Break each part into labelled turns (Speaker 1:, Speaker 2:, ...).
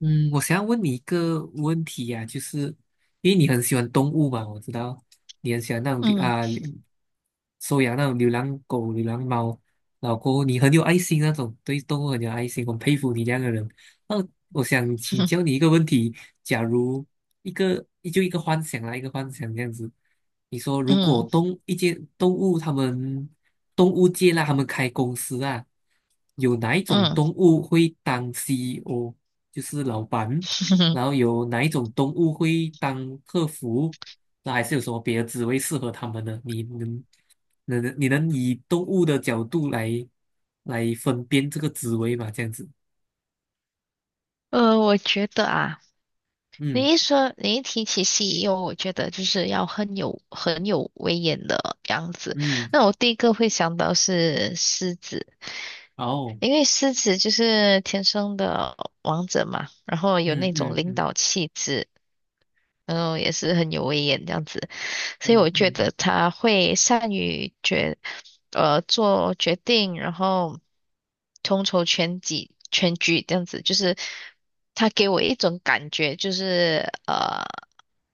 Speaker 1: 嗯，我想要问你一个问题呀、就是因为你很喜欢动物嘛，我知道你很喜欢那种
Speaker 2: 嗯
Speaker 1: 收养那种流浪狗、流浪猫，老公，你很有爱心那种，对动物很有爱心，我很佩服你这样的人。那我想请 教你一个问题：假如一个就一个幻想啦，一个幻想这样子，你说如果
Speaker 2: 嗯
Speaker 1: 动物界啦，他们开公司啊，有哪一种
Speaker 2: 嗯，
Speaker 1: 动物会当 CEO？就是老板，然后有哪一种动物会当客服？那还是有什么别的职位适合他们的？你能以动物的角度来分辨这个职位嘛？这样子，
Speaker 2: 我觉得啊，
Speaker 1: 嗯
Speaker 2: 你一提起西游，我觉得就是要很有威严的样子。
Speaker 1: 嗯，
Speaker 2: 那我第一个会想到是狮子，
Speaker 1: 哦，
Speaker 2: 因为狮子就是天生的王者嘛，然后有
Speaker 1: 嗯
Speaker 2: 那种
Speaker 1: 嗯
Speaker 2: 领
Speaker 1: 嗯
Speaker 2: 导气质，然后也是很有威严这样子，所以
Speaker 1: 嗯
Speaker 2: 我觉
Speaker 1: 嗯
Speaker 2: 得他会善于决，呃，做决定，然后统筹全局这样子，就是他给我一种感觉，就是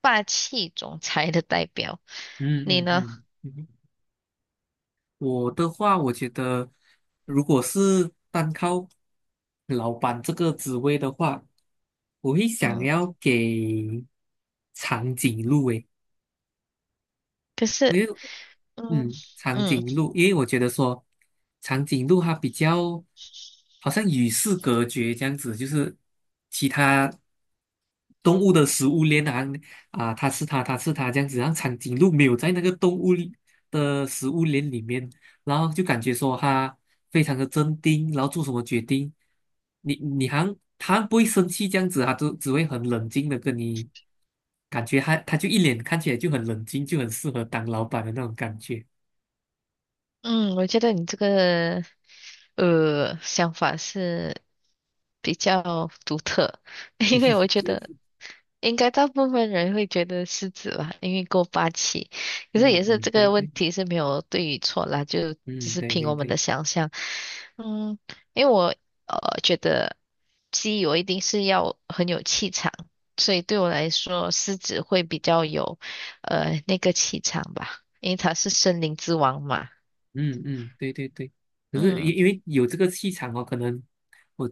Speaker 2: 霸气总裁的代表。
Speaker 1: 嗯
Speaker 2: 你
Speaker 1: 嗯
Speaker 2: 呢？
Speaker 1: 嗯嗯，我的话，我觉得如果是单靠老板这个职位的话，我会想
Speaker 2: 嗯，
Speaker 1: 要给长颈鹿诶。
Speaker 2: 可是，
Speaker 1: 因为
Speaker 2: 嗯
Speaker 1: 长
Speaker 2: 嗯
Speaker 1: 颈鹿，因为我觉得说长颈鹿它比较好像与世隔绝这样子，就是其他动物的食物链它吃它，它吃它这样子，然后长颈鹿没有在那个动物里的食物链里面，然后就感觉说它非常的镇定，然后做什么决定，你好像它不会生气这样子，它都只会很冷静的跟你，感觉它就一脸看起来就很冷静，就很适合当老板的那种感觉。
Speaker 2: 嗯，我觉得你这个想法是比较独特，因为
Speaker 1: 嗯。
Speaker 2: 我觉得。应该大部分人会觉得狮子吧，因为够霸气。可是
Speaker 1: 嗯
Speaker 2: 也是
Speaker 1: 嗯，
Speaker 2: 这
Speaker 1: 对
Speaker 2: 个问
Speaker 1: 对，
Speaker 2: 题是没有对与错啦，就只
Speaker 1: 嗯
Speaker 2: 是
Speaker 1: 对
Speaker 2: 凭
Speaker 1: 对
Speaker 2: 我们
Speaker 1: 对，
Speaker 2: 的想象。嗯，因为我觉得鸡我一定是要很有气场，所以对我来说狮子会比较有那个气场吧，因为它是森林之王嘛。
Speaker 1: 嗯嗯对对对。可是
Speaker 2: 嗯
Speaker 1: 因为有这个气场哦，可能我，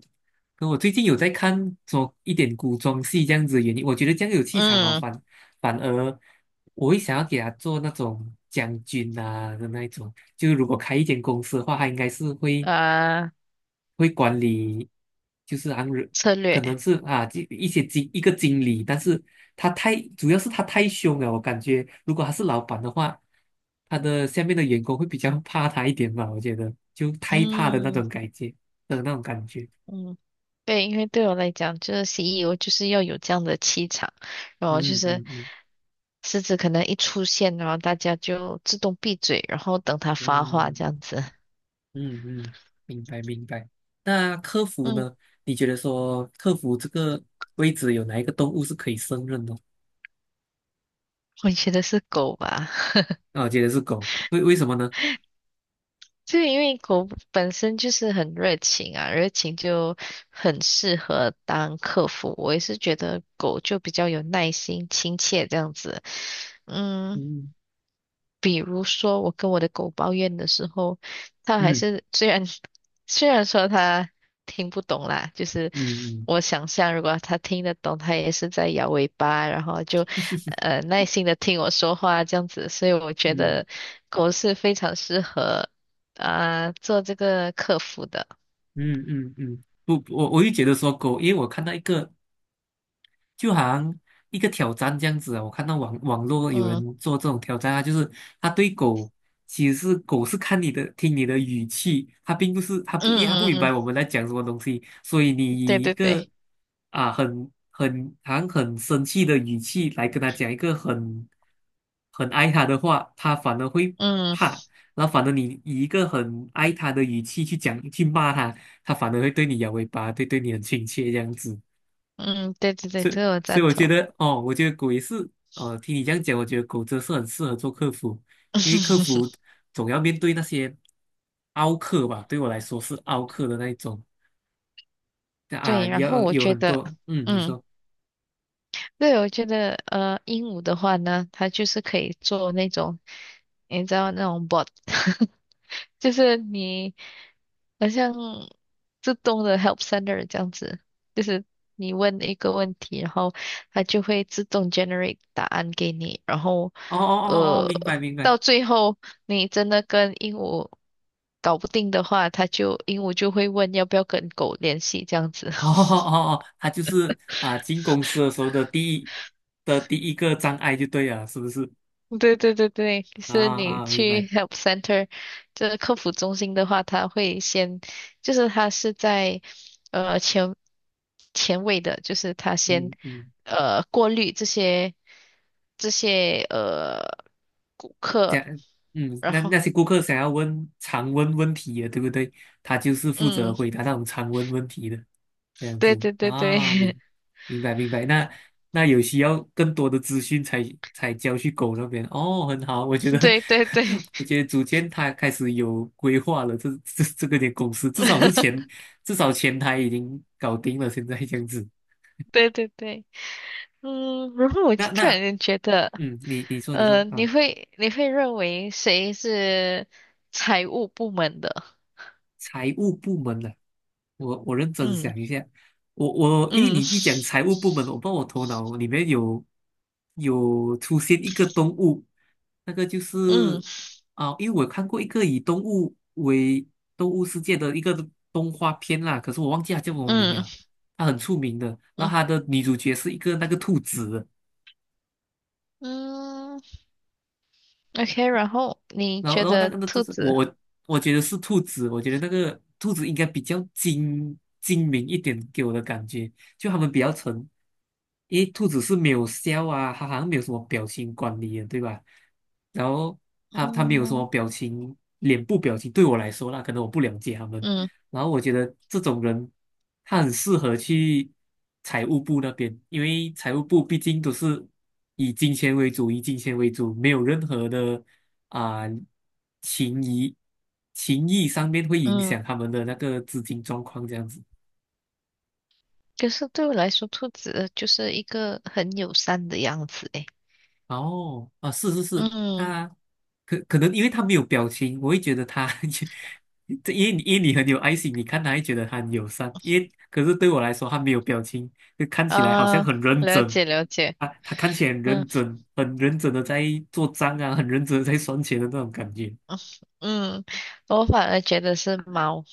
Speaker 1: 我最近有在看做一点古装戏这样子的原因，我觉得这样有气场哦，
Speaker 2: 嗯，
Speaker 1: 反而我会想要给他做那种将军啊的那一种。就如果开一间公司的话，他应该是会。
Speaker 2: 呃，
Speaker 1: 会管理，就是让人
Speaker 2: 策
Speaker 1: 可
Speaker 2: 略，
Speaker 1: 能是啊，一个经理，但是主要是他太凶了，我感觉如果他是老板的话，他的下面的员工会比较怕他一点吧，我觉得就太怕的那
Speaker 2: 嗯。
Speaker 1: 种感觉的那种感觉。
Speaker 2: 嗯，对，因为对我来讲，就是 CEO 就是要有这样的气场，然后就
Speaker 1: 嗯
Speaker 2: 是
Speaker 1: 嗯嗯
Speaker 2: 狮子可能一出现，然后大家就自动闭嘴，然后等它发话
Speaker 1: 嗯
Speaker 2: 这样子。
Speaker 1: 嗯嗯，明白明白。那客服
Speaker 2: 嗯，
Speaker 1: 呢？你觉得说客服这个位置有哪一个动物是可以胜任的？
Speaker 2: 我觉得是狗吧，
Speaker 1: 啊，我觉得是狗，为什么呢？
Speaker 2: 就因为狗本身就是很热情啊，热情就很适合当客服。我也是觉得狗就比较有耐心、亲切这样子。嗯。
Speaker 1: 嗯
Speaker 2: 比如说，我跟我的狗抱怨的时候，它还
Speaker 1: 嗯
Speaker 2: 是虽然说它听不懂啦，就是
Speaker 1: 嗯嗯。
Speaker 2: 我想象如果它听得懂，它也是在摇尾巴，然后就 耐心的听我说话这样子。所以我觉
Speaker 1: 嗯
Speaker 2: 得狗是非常适合啊、做这个客服的。
Speaker 1: 嗯嗯嗯，不，我也觉得说狗，因为我看到一个，就好像一个挑战这样子啊。我看到网络有
Speaker 2: 嗯
Speaker 1: 人做这种挑战啊，就是他对狗，其实是狗是看你的，听你的语气，它并不是它不，
Speaker 2: 嗯
Speaker 1: 因为它不明白
Speaker 2: 嗯
Speaker 1: 我们在讲什么东西，所以你
Speaker 2: 嗯，对
Speaker 1: 以一
Speaker 2: 对
Speaker 1: 个
Speaker 2: 对，
Speaker 1: 啊很好像很生气的语气来跟他讲一个很爱他的话，他反而会
Speaker 2: 嗯
Speaker 1: 怕。然后反而你以一个很爱他的语气去骂他，他反而会对你摇尾巴，对你很亲切这样子。
Speaker 2: 嗯对对对，
Speaker 1: 对，
Speaker 2: 这个我
Speaker 1: 所以
Speaker 2: 赞
Speaker 1: 我觉
Speaker 2: 同。
Speaker 1: 得哦，我觉得狗也是，听你这样讲，我觉得狗真是很适合做客服，因为客服 总要面对那些凹客吧，对我来说是凹客的那一种啊，
Speaker 2: 对，
Speaker 1: 你
Speaker 2: 然后
Speaker 1: 要
Speaker 2: 我
Speaker 1: 有
Speaker 2: 觉
Speaker 1: 很
Speaker 2: 得。
Speaker 1: 多，嗯，你
Speaker 2: 嗯。
Speaker 1: 说，
Speaker 2: 对，我觉得鹦鹉的话呢，它就是可以做那种，你知道那种 bot，就是你好像自动的 help center 这样子，就是你问一个问题，然后它就会自动 generate 答案给你，然后
Speaker 1: 哦哦哦哦，哦
Speaker 2: 呃，
Speaker 1: 明白明白，
Speaker 2: 到最后你真的跟鹦鹉搞不定的话，它就鹦鹉就会问要不要跟狗联系这样子。
Speaker 1: 哦哦 哦哦，他就是啊，进公司的时候的第一个障碍就对了，是不是？
Speaker 2: 对对对对，就
Speaker 1: 啊
Speaker 2: 是你
Speaker 1: 啊，明
Speaker 2: 去
Speaker 1: 白，
Speaker 2: Help Center 这个客服中心的话，他会先，就是他是在呃前前位的，就是他先
Speaker 1: 嗯嗯。
Speaker 2: 过滤这些顾
Speaker 1: 这
Speaker 2: 客，
Speaker 1: 样，嗯，
Speaker 2: 然后
Speaker 1: 那些顾客想要问常问问题的，对不对？他就是负责
Speaker 2: 嗯，
Speaker 1: 回答那种常问问题的，这样
Speaker 2: 对
Speaker 1: 子
Speaker 2: 对对对
Speaker 1: 啊，明白明白。那有需要更多的资讯才交去狗那边哦，很好，我觉 得
Speaker 2: 对对对
Speaker 1: 我觉得逐渐他开始有规划了，这个公司至少是前 至少前台已经搞定了，现在这样子。
Speaker 2: 对对对。嗯，然后我就
Speaker 1: 那
Speaker 2: 突然
Speaker 1: 那
Speaker 2: 间觉得，
Speaker 1: 嗯，你你说你说
Speaker 2: 你
Speaker 1: 啊。
Speaker 2: 会你会认为谁是财务部门的？
Speaker 1: 财务部门的，我认真
Speaker 2: 嗯。
Speaker 1: 想一下，我因为你
Speaker 2: 嗯
Speaker 1: 一讲财务部门，我不知道我头脑里面有出现一个动物，那个就
Speaker 2: 嗯
Speaker 1: 是啊，因为我看过一个以动物为动物世界的一个动画片啦，可是我忘记它叫什么名
Speaker 2: 嗯
Speaker 1: 了，它很出名的，然后
Speaker 2: 嗯
Speaker 1: 它的女主角是一个那个兔子，
Speaker 2: 嗯，OK。然后你觉
Speaker 1: 然后那
Speaker 2: 得
Speaker 1: 个那兔
Speaker 2: 兔
Speaker 1: 子，
Speaker 2: 子，
Speaker 1: 我觉得是兔子，我觉得那个兔子应该比较精明一点，给我的感觉，就他们比较沉，因为兔子是没有笑啊，它好像没有什么表情管理的，对吧？然后它没有什么
Speaker 2: 嗯
Speaker 1: 表情，脸部表情对我来说那可能我不了解他们，
Speaker 2: 嗯
Speaker 1: 然后我觉得这种人他很适合去财务部那边，因为财务部毕竟都是以金钱为主，以金钱为主，没有任何的。啊、情谊情谊上面会影
Speaker 2: 嗯，
Speaker 1: 响他们的那个资金状况这样子。
Speaker 2: 可是对我来说，兔子就是一个很友善的样子。诶，
Speaker 1: 哦，啊，是是是，
Speaker 2: 嗯
Speaker 1: 他可能因为他没有表情，我会觉得他 因为你很有爱心，你看他会觉得他很友善，因为可是对我来说他没有表情，就看起来好像
Speaker 2: 啊，
Speaker 1: 很认
Speaker 2: 了
Speaker 1: 真。
Speaker 2: 解了解。
Speaker 1: 啊，他看起来很
Speaker 2: 嗯
Speaker 1: 认真，很认真的在做账啊，很认真的在算钱的那种感觉。
Speaker 2: 嗯，我反而觉得是猫。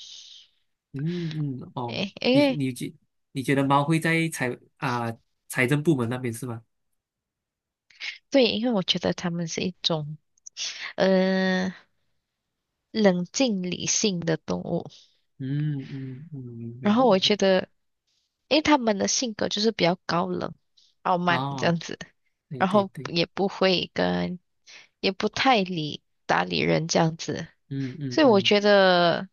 Speaker 1: 嗯嗯，嗯哦，
Speaker 2: 诶，因
Speaker 1: 你
Speaker 2: 为
Speaker 1: 你觉你觉得猫会在财政部门那边是吗？
Speaker 2: 对，因为我觉得它们是一种呃冷静理性的动物。
Speaker 1: 嗯嗯嗯，明白
Speaker 2: 然后我
Speaker 1: 明白。
Speaker 2: 觉得。因为他们的性格就是比较高冷、傲慢这
Speaker 1: 哦，
Speaker 2: 样子，
Speaker 1: 对
Speaker 2: 然
Speaker 1: 对
Speaker 2: 后
Speaker 1: 对，
Speaker 2: 也不会跟，也不太搭理人这样子，
Speaker 1: 嗯嗯
Speaker 2: 所以我
Speaker 1: 嗯，
Speaker 2: 觉得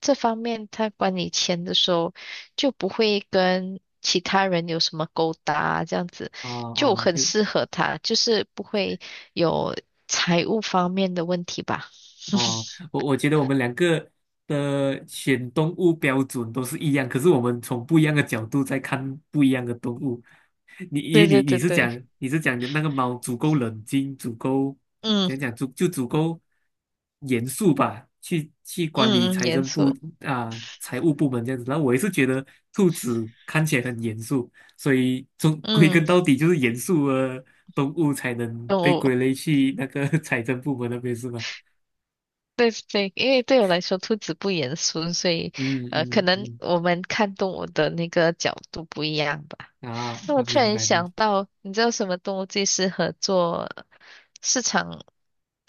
Speaker 2: 这方面他管理钱的时候就不会跟其他人有什么勾搭，这样子
Speaker 1: 哦
Speaker 2: 就
Speaker 1: 哦，
Speaker 2: 很
Speaker 1: 就
Speaker 2: 适合他，就是不会有财务方面的问题吧。
Speaker 1: 哦，我觉得我们两个的选动物标准都是一样，可是我们从不一样的角度在看不一样的动物。
Speaker 2: 对对对对，
Speaker 1: 你是讲的那个猫足够冷静，足够
Speaker 2: 嗯
Speaker 1: 讲讲足就足够严肃吧，去管理
Speaker 2: 嗯嗯，严肃，
Speaker 1: 财务部门这样子。然后我也是觉得兔子看起来很严肃，所以终归
Speaker 2: 嗯，
Speaker 1: 根到底就是严肃的动物才能被
Speaker 2: 我
Speaker 1: 归类去那个 财政部门那边是吗？
Speaker 2: 对对，因为对我来说，兔子不严肃，所以
Speaker 1: 嗯
Speaker 2: 可
Speaker 1: 嗯
Speaker 2: 能
Speaker 1: 嗯，
Speaker 2: 我们看动物的那个角度不一样吧。
Speaker 1: 啊啊，
Speaker 2: 那我突
Speaker 1: 明
Speaker 2: 然
Speaker 1: 白明白。
Speaker 2: 想到，你知道什么动物最适合做市场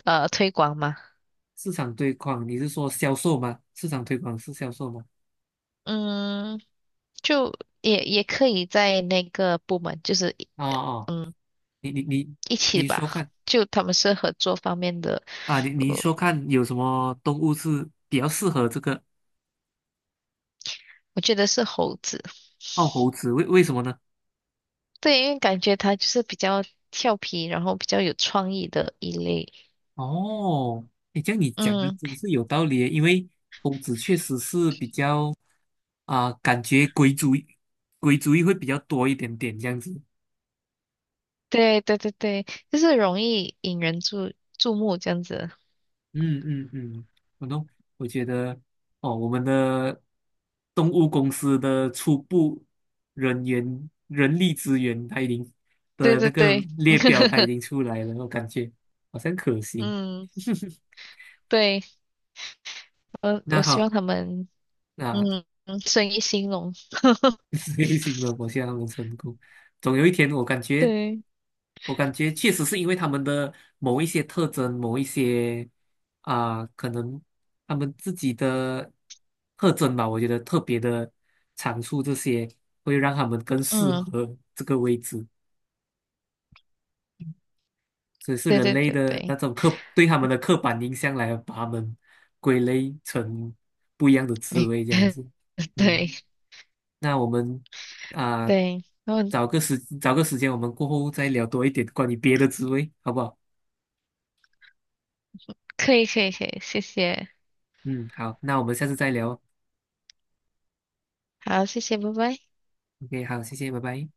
Speaker 2: 推广吗？
Speaker 1: 市场推广，你是说销售吗？市场推广是销售吗？
Speaker 2: 嗯，就也可以在那个部门，就是一
Speaker 1: 哦哦，你你你
Speaker 2: 一起
Speaker 1: 你说
Speaker 2: 吧。
Speaker 1: 看
Speaker 2: 就他们是合作方面的，
Speaker 1: 啊，你你
Speaker 2: 呃，
Speaker 1: 说看有什么动物是比较适合这个
Speaker 2: 我觉得是猴子，
Speaker 1: 猴子？为什么呢？
Speaker 2: 对，因为感觉它就是比较调皮，然后比较有创意的一类。
Speaker 1: 哦，你这样你讲的
Speaker 2: 嗯。
Speaker 1: 真是有道理耶因为猴子确实是比较啊，感觉鬼主意会比较多一点点这样子。
Speaker 2: 对对对对，就是容易引人注目这样子。
Speaker 1: 嗯嗯嗯，我懂。我觉得哦，我们的动物公司的初步人力资源，它已经
Speaker 2: 对
Speaker 1: 的那
Speaker 2: 对
Speaker 1: 个
Speaker 2: 对，
Speaker 1: 列表它已 经出来了，我感觉好像可行。
Speaker 2: 嗯，对，我
Speaker 1: 那
Speaker 2: 我希望
Speaker 1: 好，
Speaker 2: 他们
Speaker 1: 那
Speaker 2: 生意兴隆。
Speaker 1: 内心的我希望我们成功。总有一天，
Speaker 2: 对，
Speaker 1: 我感觉确实是因为他们的某一些特征，某一些啊、可能他们自己的特征吧，我觉得特别的长处，这些会让他们更适
Speaker 2: 嗯，
Speaker 1: 合这个位置，所以是
Speaker 2: 对
Speaker 1: 人
Speaker 2: 对
Speaker 1: 类
Speaker 2: 对
Speaker 1: 的那
Speaker 2: 对，
Speaker 1: 种对他们的刻板印象来把他们归类成不一样的滋
Speaker 2: 没
Speaker 1: 味，这样 子。
Speaker 2: 对
Speaker 1: 嗯，那我们啊、
Speaker 2: 对，然后
Speaker 1: 找个时间，我们过后再聊多一点关于别的滋味，好不好？
Speaker 2: 可以可以可以，谢谢，
Speaker 1: 嗯，好，那我们下次再聊。
Speaker 2: 好，谢谢，拜拜。
Speaker 1: OK，好，谢谢，拜拜。